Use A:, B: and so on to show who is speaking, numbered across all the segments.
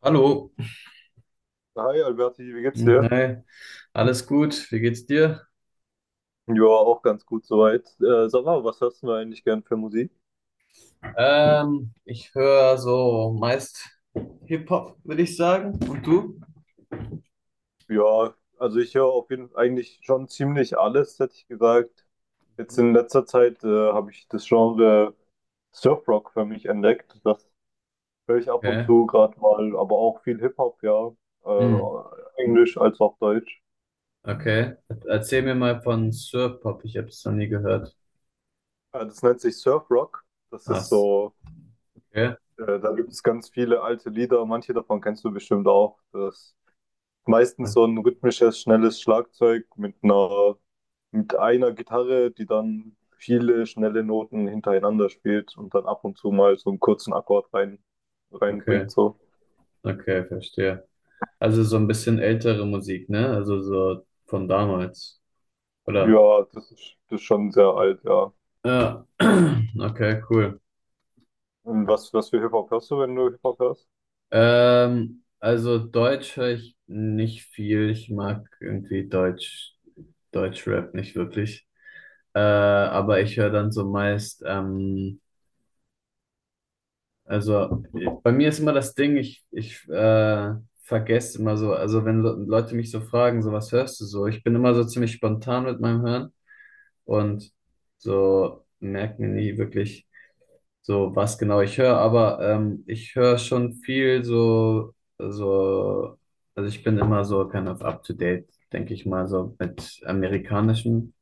A: Hallo.
B: Hi Alberti, wie geht's dir?
A: Hi. Alles gut? Wie geht's dir?
B: Ja, auch ganz gut soweit. Sag mal, was hörst du eigentlich gern für Musik?
A: Ich höre so meist Hip-Hop, würde ich sagen. Und du?
B: Ja, also ich höre auf jeden Fall eigentlich schon ziemlich alles, hätte ich gesagt. Jetzt in letzter Zeit habe ich das Genre Surfrock für mich entdeckt. Das höre ich ab und
A: Okay.
B: zu gerade mal, aber auch viel Hip-Hop, ja.
A: Hm.
B: Englisch als auch Deutsch.
A: Okay. Erzähl mir mal von Surf-Pop. Ich habe es noch nie gehört.
B: Das nennt sich Surfrock. Das ist
A: Was?
B: so,
A: Okay.
B: da gibt es ganz viele alte Lieder, manche davon kennst du bestimmt auch. Das meistens so ein rhythmisches, schnelles Schlagzeug mit einer Gitarre, die dann viele schnelle Noten hintereinander spielt und dann ab und zu mal so einen kurzen Akkord
A: Okay.
B: reinbringt, so.
A: Okay, verstehe. Also so ein bisschen ältere Musik, ne? Also so von damals. Oder?
B: Ja, das ist schon sehr alt, ja.
A: Ja. Okay, cool.
B: Und was für Hip-Hop hörst du, wenn du Hip-Hop hörst?
A: Also Deutsch höre ich nicht viel. Ich mag irgendwie Deutschrap nicht wirklich. Aber ich höre dann so meist, also bei mir ist immer das Ding, ich vergesse immer so, also wenn Leute mich so fragen, so was hörst du so? Ich bin immer so ziemlich spontan mit meinem Hören und so merke mir nie wirklich. So, was genau ich höre, aber ich höre schon viel so, also ich bin immer so kind of up to date, denke ich mal, so mit amerikanischem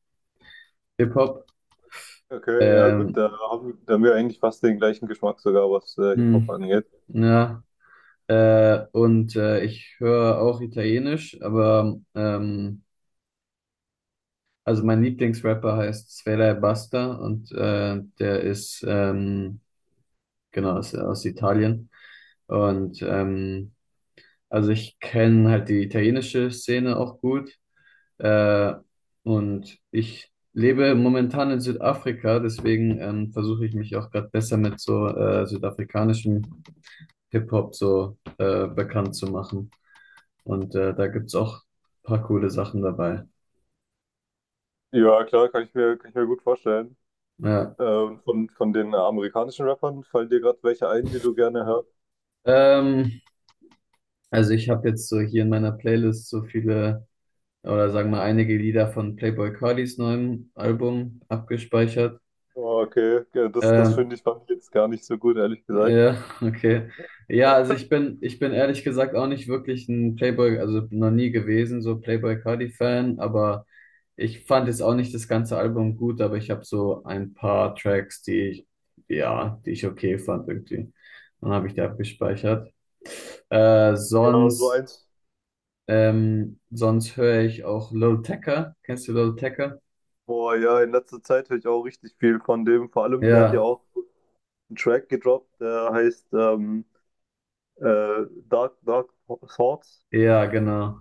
A: Hip-Hop.
B: Okay, ja gut,
A: Ähm,
B: da haben wir eigentlich fast den gleichen Geschmack sogar, was
A: mh,
B: Hip-Hop angeht.
A: ja, und ich höre auch Italienisch, aber also mein Lieblingsrapper heißt Sfera Ebbasta und der ist, genau, ist aus Italien. Und also ich kenne halt die italienische Szene auch gut. Äh, und ich lebe momentan in Südafrika, deswegen versuche ich mich auch gerade besser mit so südafrikanischem Hip-Hop so bekannt zu machen. Und da gibt's auch ein paar coole Sachen dabei.
B: Ja, klar, kann ich mir gut vorstellen.
A: Ja.
B: Und von den amerikanischen Rappern fallen dir gerade welche ein, die du gerne hörst?
A: Ähm, also ich habe jetzt so hier in meiner Playlist so viele oder sagen wir einige Lieder von Playboi Cartis neuem Album abgespeichert.
B: Oh, okay, ja, das
A: Ähm,
B: fand ich jetzt gar nicht so gut, ehrlich gesagt.
A: Ja, okay. Ja, also ich bin ehrlich gesagt auch nicht wirklich ein Playboy, also noch nie gewesen, so Playboy Cardi-Fan, aber ich fand jetzt auch nicht das ganze Album gut, aber ich habe so ein paar Tracks, die ich okay fand irgendwie. Dann habe ich die abgespeichert. Äh,
B: Ja, so
A: sonst,
B: eins.
A: sonst höre ich auch Lil Tecca. Kennst du Lil Tecca?
B: Boah, ja, in letzter Zeit höre ich auch richtig viel von dem. Vor allem, der hat ja
A: Ja,
B: auch einen Track gedroppt, der heißt Dark Thoughts.
A: ja, genau.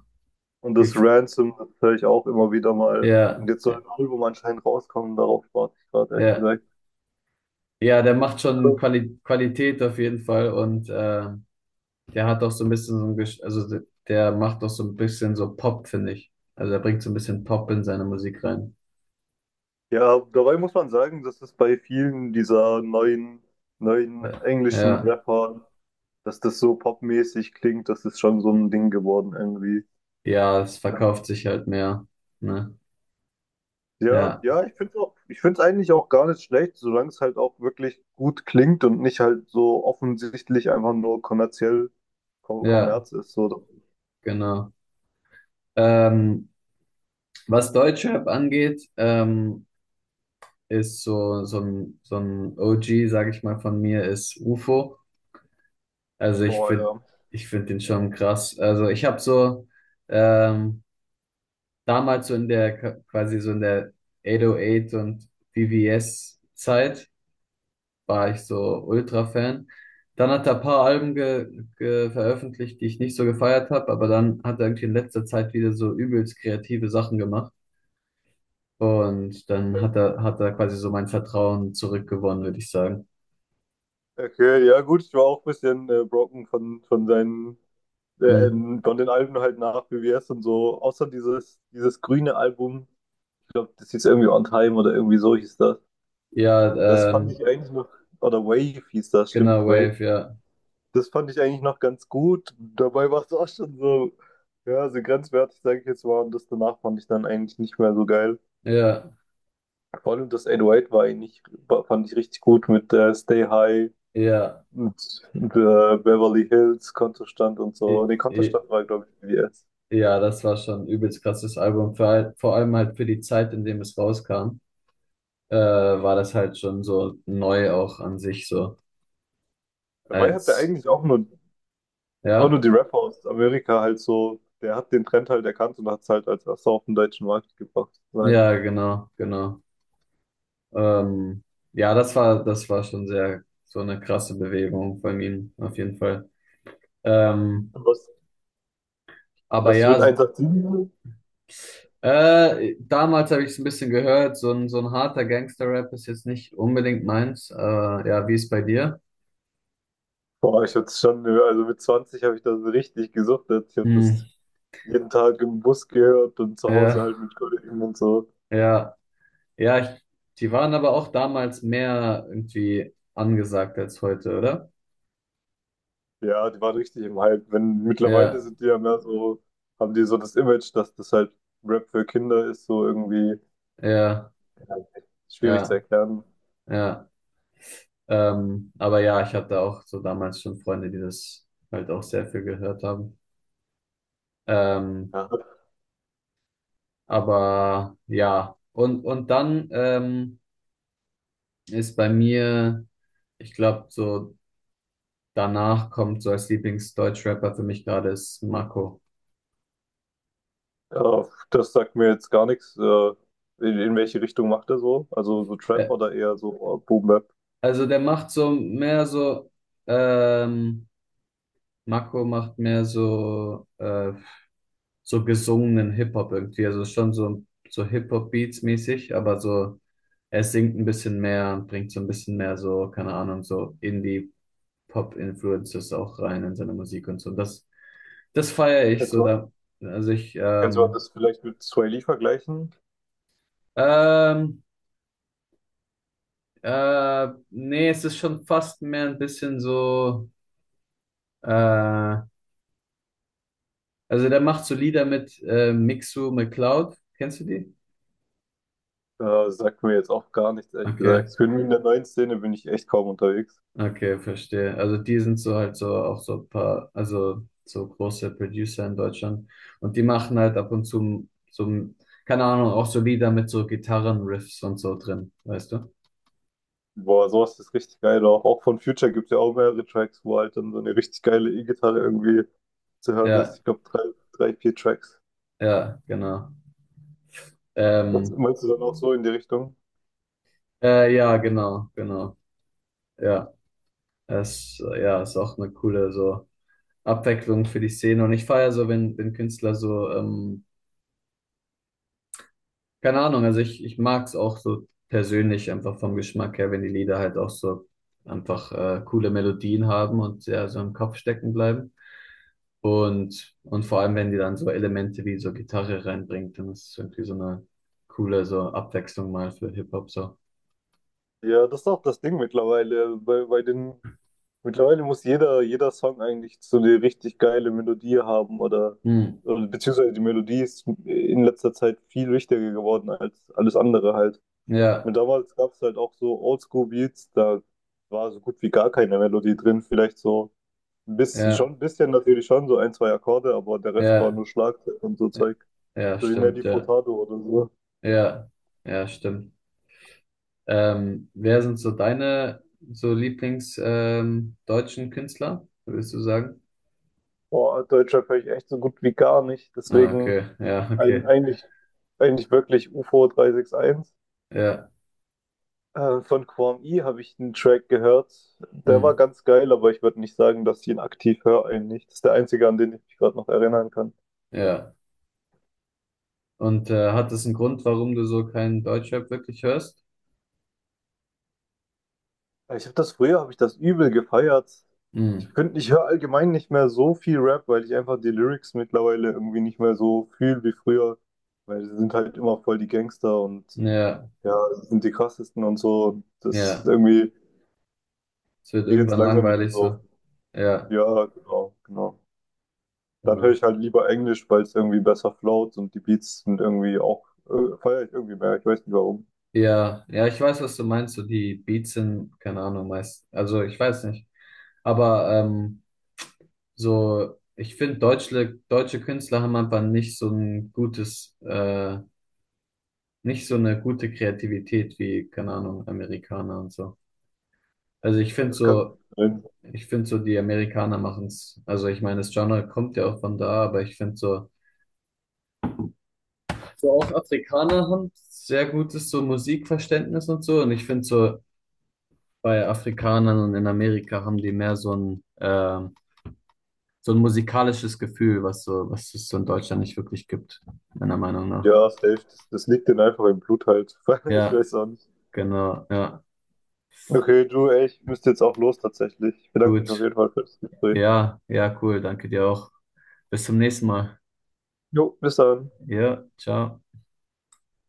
B: Und
A: Wie,
B: das
A: f-
B: Ransom, das höre ich auch immer wieder mal.
A: ja,
B: Und jetzt soll ein Album anscheinend rauskommen, darauf warte ich gerade, ehrlich
A: ja.
B: gesagt.
A: Ja, der macht schon
B: Also,
A: Qualität auf jeden Fall. Und der hat doch so ein bisschen so ein, Gesch- also de- der macht doch so ein bisschen so Pop, finde ich. Also er bringt so ein bisschen Pop in seine Musik rein.
B: ja, dabei muss man sagen, dass es bei vielen dieser neuen englischen
A: Ja,
B: Rapper dass das so popmäßig klingt, das ist schon so ein Ding geworden irgendwie.
A: ja, es
B: Ja,
A: verkauft sich halt mehr. Ne?
B: ja,
A: Ja,
B: ja, ich finde es eigentlich auch gar nicht schlecht, solange es halt auch wirklich gut klingt und nicht halt so offensichtlich einfach nur kommerziell
A: ja,
B: Kommerz ist. So.
A: genau. Ähm, was Deutschrap angeht, ist so ein OG, sage ich mal, von mir ist UFO. Also
B: Boah, ja.
A: ich finde den schon krass. Also ich habe so ähm, damals so in der 808 und VVS-Zeit war ich so Ultra-Fan. Dann hat er ein paar Alben ge ge veröffentlicht, die ich nicht so gefeiert habe, aber dann hat er irgendwie in letzter Zeit wieder so übelst kreative Sachen gemacht. Und dann
B: Ä-
A: hat er quasi so mein Vertrauen zurückgewonnen, würde ich sagen.
B: Okay, ja gut, ich war auch ein bisschen broken
A: Mhm.
B: von den Alben halt nach BWS und so, außer dieses grüne Album, ich glaube, das hieß irgendwie On Time oder irgendwie so hieß das. Das
A: Ja,
B: fand ich eigentlich noch, oder Wave hieß das,
A: genau,
B: stimmt, Wave.
A: Wave, ja.
B: Das fand ich eigentlich noch ganz gut. Dabei war es auch schon so, ja, so grenzwertig, sage ich jetzt mal. Und das danach fand ich dann eigentlich nicht mehr so geil.
A: Ja,
B: Vor allem das 808 war eigentlich, fand ich richtig gut mit Stay High
A: ja.
B: und Beverly Hills, Kontostand und
A: I,
B: so. Nee,
A: i,
B: Kontostand war, glaube ich, BBS.
A: ja, das war schon ein übelst krasses Album, vor allem halt für die Zeit, in dem es rauskam. War das halt schon so neu auch an sich so
B: Dabei hat der
A: als,
B: eigentlich auch nur
A: ja,
B: die Rapper aus Amerika halt so, der hat den Trend halt erkannt und hat es halt als erster auf den deutschen Markt gebracht. Nein.
A: ja, genau, genau. Ähm, ja, das war schon sehr so eine krasse Bewegung von ihm, auf jeden Fall. Ähm,
B: Und Was,
A: aber
B: was
A: ja,
B: wird 187?
A: damals habe ich es ein bisschen gehört, so ein harter Gangster-Rap ist jetzt nicht unbedingt meins. Ja, wie ist bei dir?
B: Boah, ich hab's schon, also mit 20 habe ich das richtig gesuchtet. Ich habe
A: Hm,
B: das jeden Tag im Bus gehört und zu Hause
A: ja,
B: halt mit Kollegen und so.
A: ja, ja, die waren aber auch damals mehr irgendwie angesagt als heute, oder?
B: Ja, die waren richtig im Hype. Wenn mittlerweile
A: Ja,
B: sind die ja mehr so, haben die so das Image, dass das halt Rap für Kinder ist, so irgendwie
A: ja.
B: ja, schwierig zu
A: Ja,
B: erklären.
A: ja. Aber ja, ich hatte auch so damals schon Freunde, die das halt auch sehr viel gehört haben. Ähm,
B: Ja.
A: aber ja, und dann ist bei mir, ich glaube, so danach kommt so als Lieblingsdeutschrapper für mich gerade ist Marco.
B: Äh, das sagt mir jetzt gar nichts. In welche Richtung macht er so? Also so Trap
A: Äh,
B: oder eher so Boom Bap?
A: also der macht so mehr so, ähm, Marco macht mehr so so gesungenen Hip-Hop irgendwie. Also schon so Hip-Hop-Beats mäßig, aber so, er singt ein bisschen mehr und bringt so ein bisschen mehr so, keine Ahnung, so Indie-Pop-Influences auch rein in seine Musik und so. Und das, das feiere ich
B: Kannst
A: so
B: du,
A: da. Also ich,
B: kannst du
A: ähm,
B: das vielleicht mit Sway Lee vergleichen?
A: ähm, nee, es ist schon fast mehr ein bisschen so, äh, also der macht so Lieder mit Mixu McCloud. Kennst du die?
B: Ja, sagt mir jetzt auch gar nichts, ehrlich
A: Okay.
B: gesagt. Ich bin in der neuen Szene bin ich echt kaum unterwegs.
A: Okay, verstehe. Also die sind so halt so auch so ein paar, also so große Producer in Deutschland und die machen halt ab und zu so, keine Ahnung, auch so Lieder mit so Gitarrenriffs und so drin, weißt du?
B: Boah, sowas ist richtig geil. Auch von Future gibt es ja auch mehrere Tracks, wo halt dann so eine richtig geile E-Gitarre irgendwie zu hören ist.
A: Ja,
B: Ich glaube, vier Tracks.
A: ja, genau.
B: Was
A: Ähm,
B: meinst du dann auch so in die Richtung?
A: ja, genau, genau. Ja, es ist auch eine coole so Abwechslung für die Szene und ich feiere so, wenn Künstler so keine Ahnung, also ich mag es auch so persönlich einfach vom Geschmack her, wenn die Lieder halt auch so einfach coole Melodien haben und ja, so im Kopf stecken bleiben. Und vor allem, wenn die dann so Elemente wie so Gitarre reinbringt, dann ist es irgendwie so eine coole so Abwechslung mal für Hip-Hop so.
B: Ja, das ist auch das Ding mittlerweile. Mittlerweile muss jeder Song eigentlich so eine richtig geile Melodie haben oder,
A: Hm.
B: oder beziehungsweise die Melodie ist in letzter Zeit viel wichtiger geworden als alles andere halt.
A: Ja,
B: Und damals gab es halt auch so Oldschool-Beats, da war so gut wie gar keine Melodie drin. Vielleicht so ein bisschen, schon
A: ja,
B: ein bisschen natürlich schon, so ein, zwei Akkorde, aber der Rest war
A: ja,
B: nur Schlagzeug und so
A: ja,
B: Zeug.
A: ja,
B: So wie
A: stimmt,
B: Nelly
A: ja,
B: Furtado oder so.
A: ja, ja, stimmt. Wer sind so deine so Lieblings deutschen Künstler, würdest du sagen?
B: Boah, Deutschrap höre ich echt so gut wie gar nicht.
A: Ah,
B: Deswegen
A: okay. Ja,
B: ein,
A: okay.
B: eigentlich, eigentlich wirklich UFO 361.
A: Ja.
B: Von Quam I habe ich einen Track gehört. Der
A: Hm.
B: war ganz geil, aber ich würde nicht sagen, dass ich ihn aktiv höre eigentlich. Das ist der einzige, an den ich mich gerade noch erinnern kann.
A: Ja. Und hat das einen Grund, warum du so keinen Deutschrap wirklich hörst?
B: Ich habe das früher, habe ich das übel gefeiert.
A: Hm.
B: Ich höre allgemein nicht mehr so viel Rap, weil ich einfach die Lyrics mittlerweile irgendwie nicht mehr so fühle wie früher, weil sie sind halt immer voll die Gangster und
A: Ja,
B: ja, sie sind die krassesten und so. Und das ist
A: ja.
B: irgendwie
A: Es wird
B: geht jetzt
A: irgendwann
B: langsam wieder
A: langweilig
B: so.
A: so. Ja,
B: Ja, genau, genau. Dann höre
A: genau.
B: ich halt lieber Englisch, weil es irgendwie besser float und die Beats sind irgendwie auch, feiere ich irgendwie mehr. Ich weiß nicht warum.
A: Ja, ja, ich weiß, was du meinst. So die Beats sind, keine Ahnung, meist. Also ich weiß nicht. Aber so, ich finde, deutsche Künstler haben einfach nicht so ein gutes, nicht so eine gute Kreativität wie, keine Ahnung, Amerikaner und so. Also ich finde
B: Das kann
A: so,
B: sein.
A: Die Amerikaner machen es. Also ich meine, das Genre kommt ja auch von da, aber ich finde so, so auch Afrikaner haben sehr gutes so Musikverständnis und so. Und ich finde so, bei Afrikanern und in Amerika haben die mehr so ein musikalisches Gefühl, was so, was es so in Deutschland nicht wirklich gibt, meiner Meinung nach.
B: Ja, safe. Das liegt denen einfach im Blut halt. Ich
A: Ja,
B: weiß auch nicht.
A: genau. Ja,
B: Okay, du, ey, ich müsste jetzt auch los tatsächlich. Ich bedanke mich auf
A: gut.
B: jeden Fall für das Gespräch.
A: Ja, ja, cool. Danke dir auch. Bis zum nächsten Mal.
B: Jo, bis dann.
A: Ja, ciao.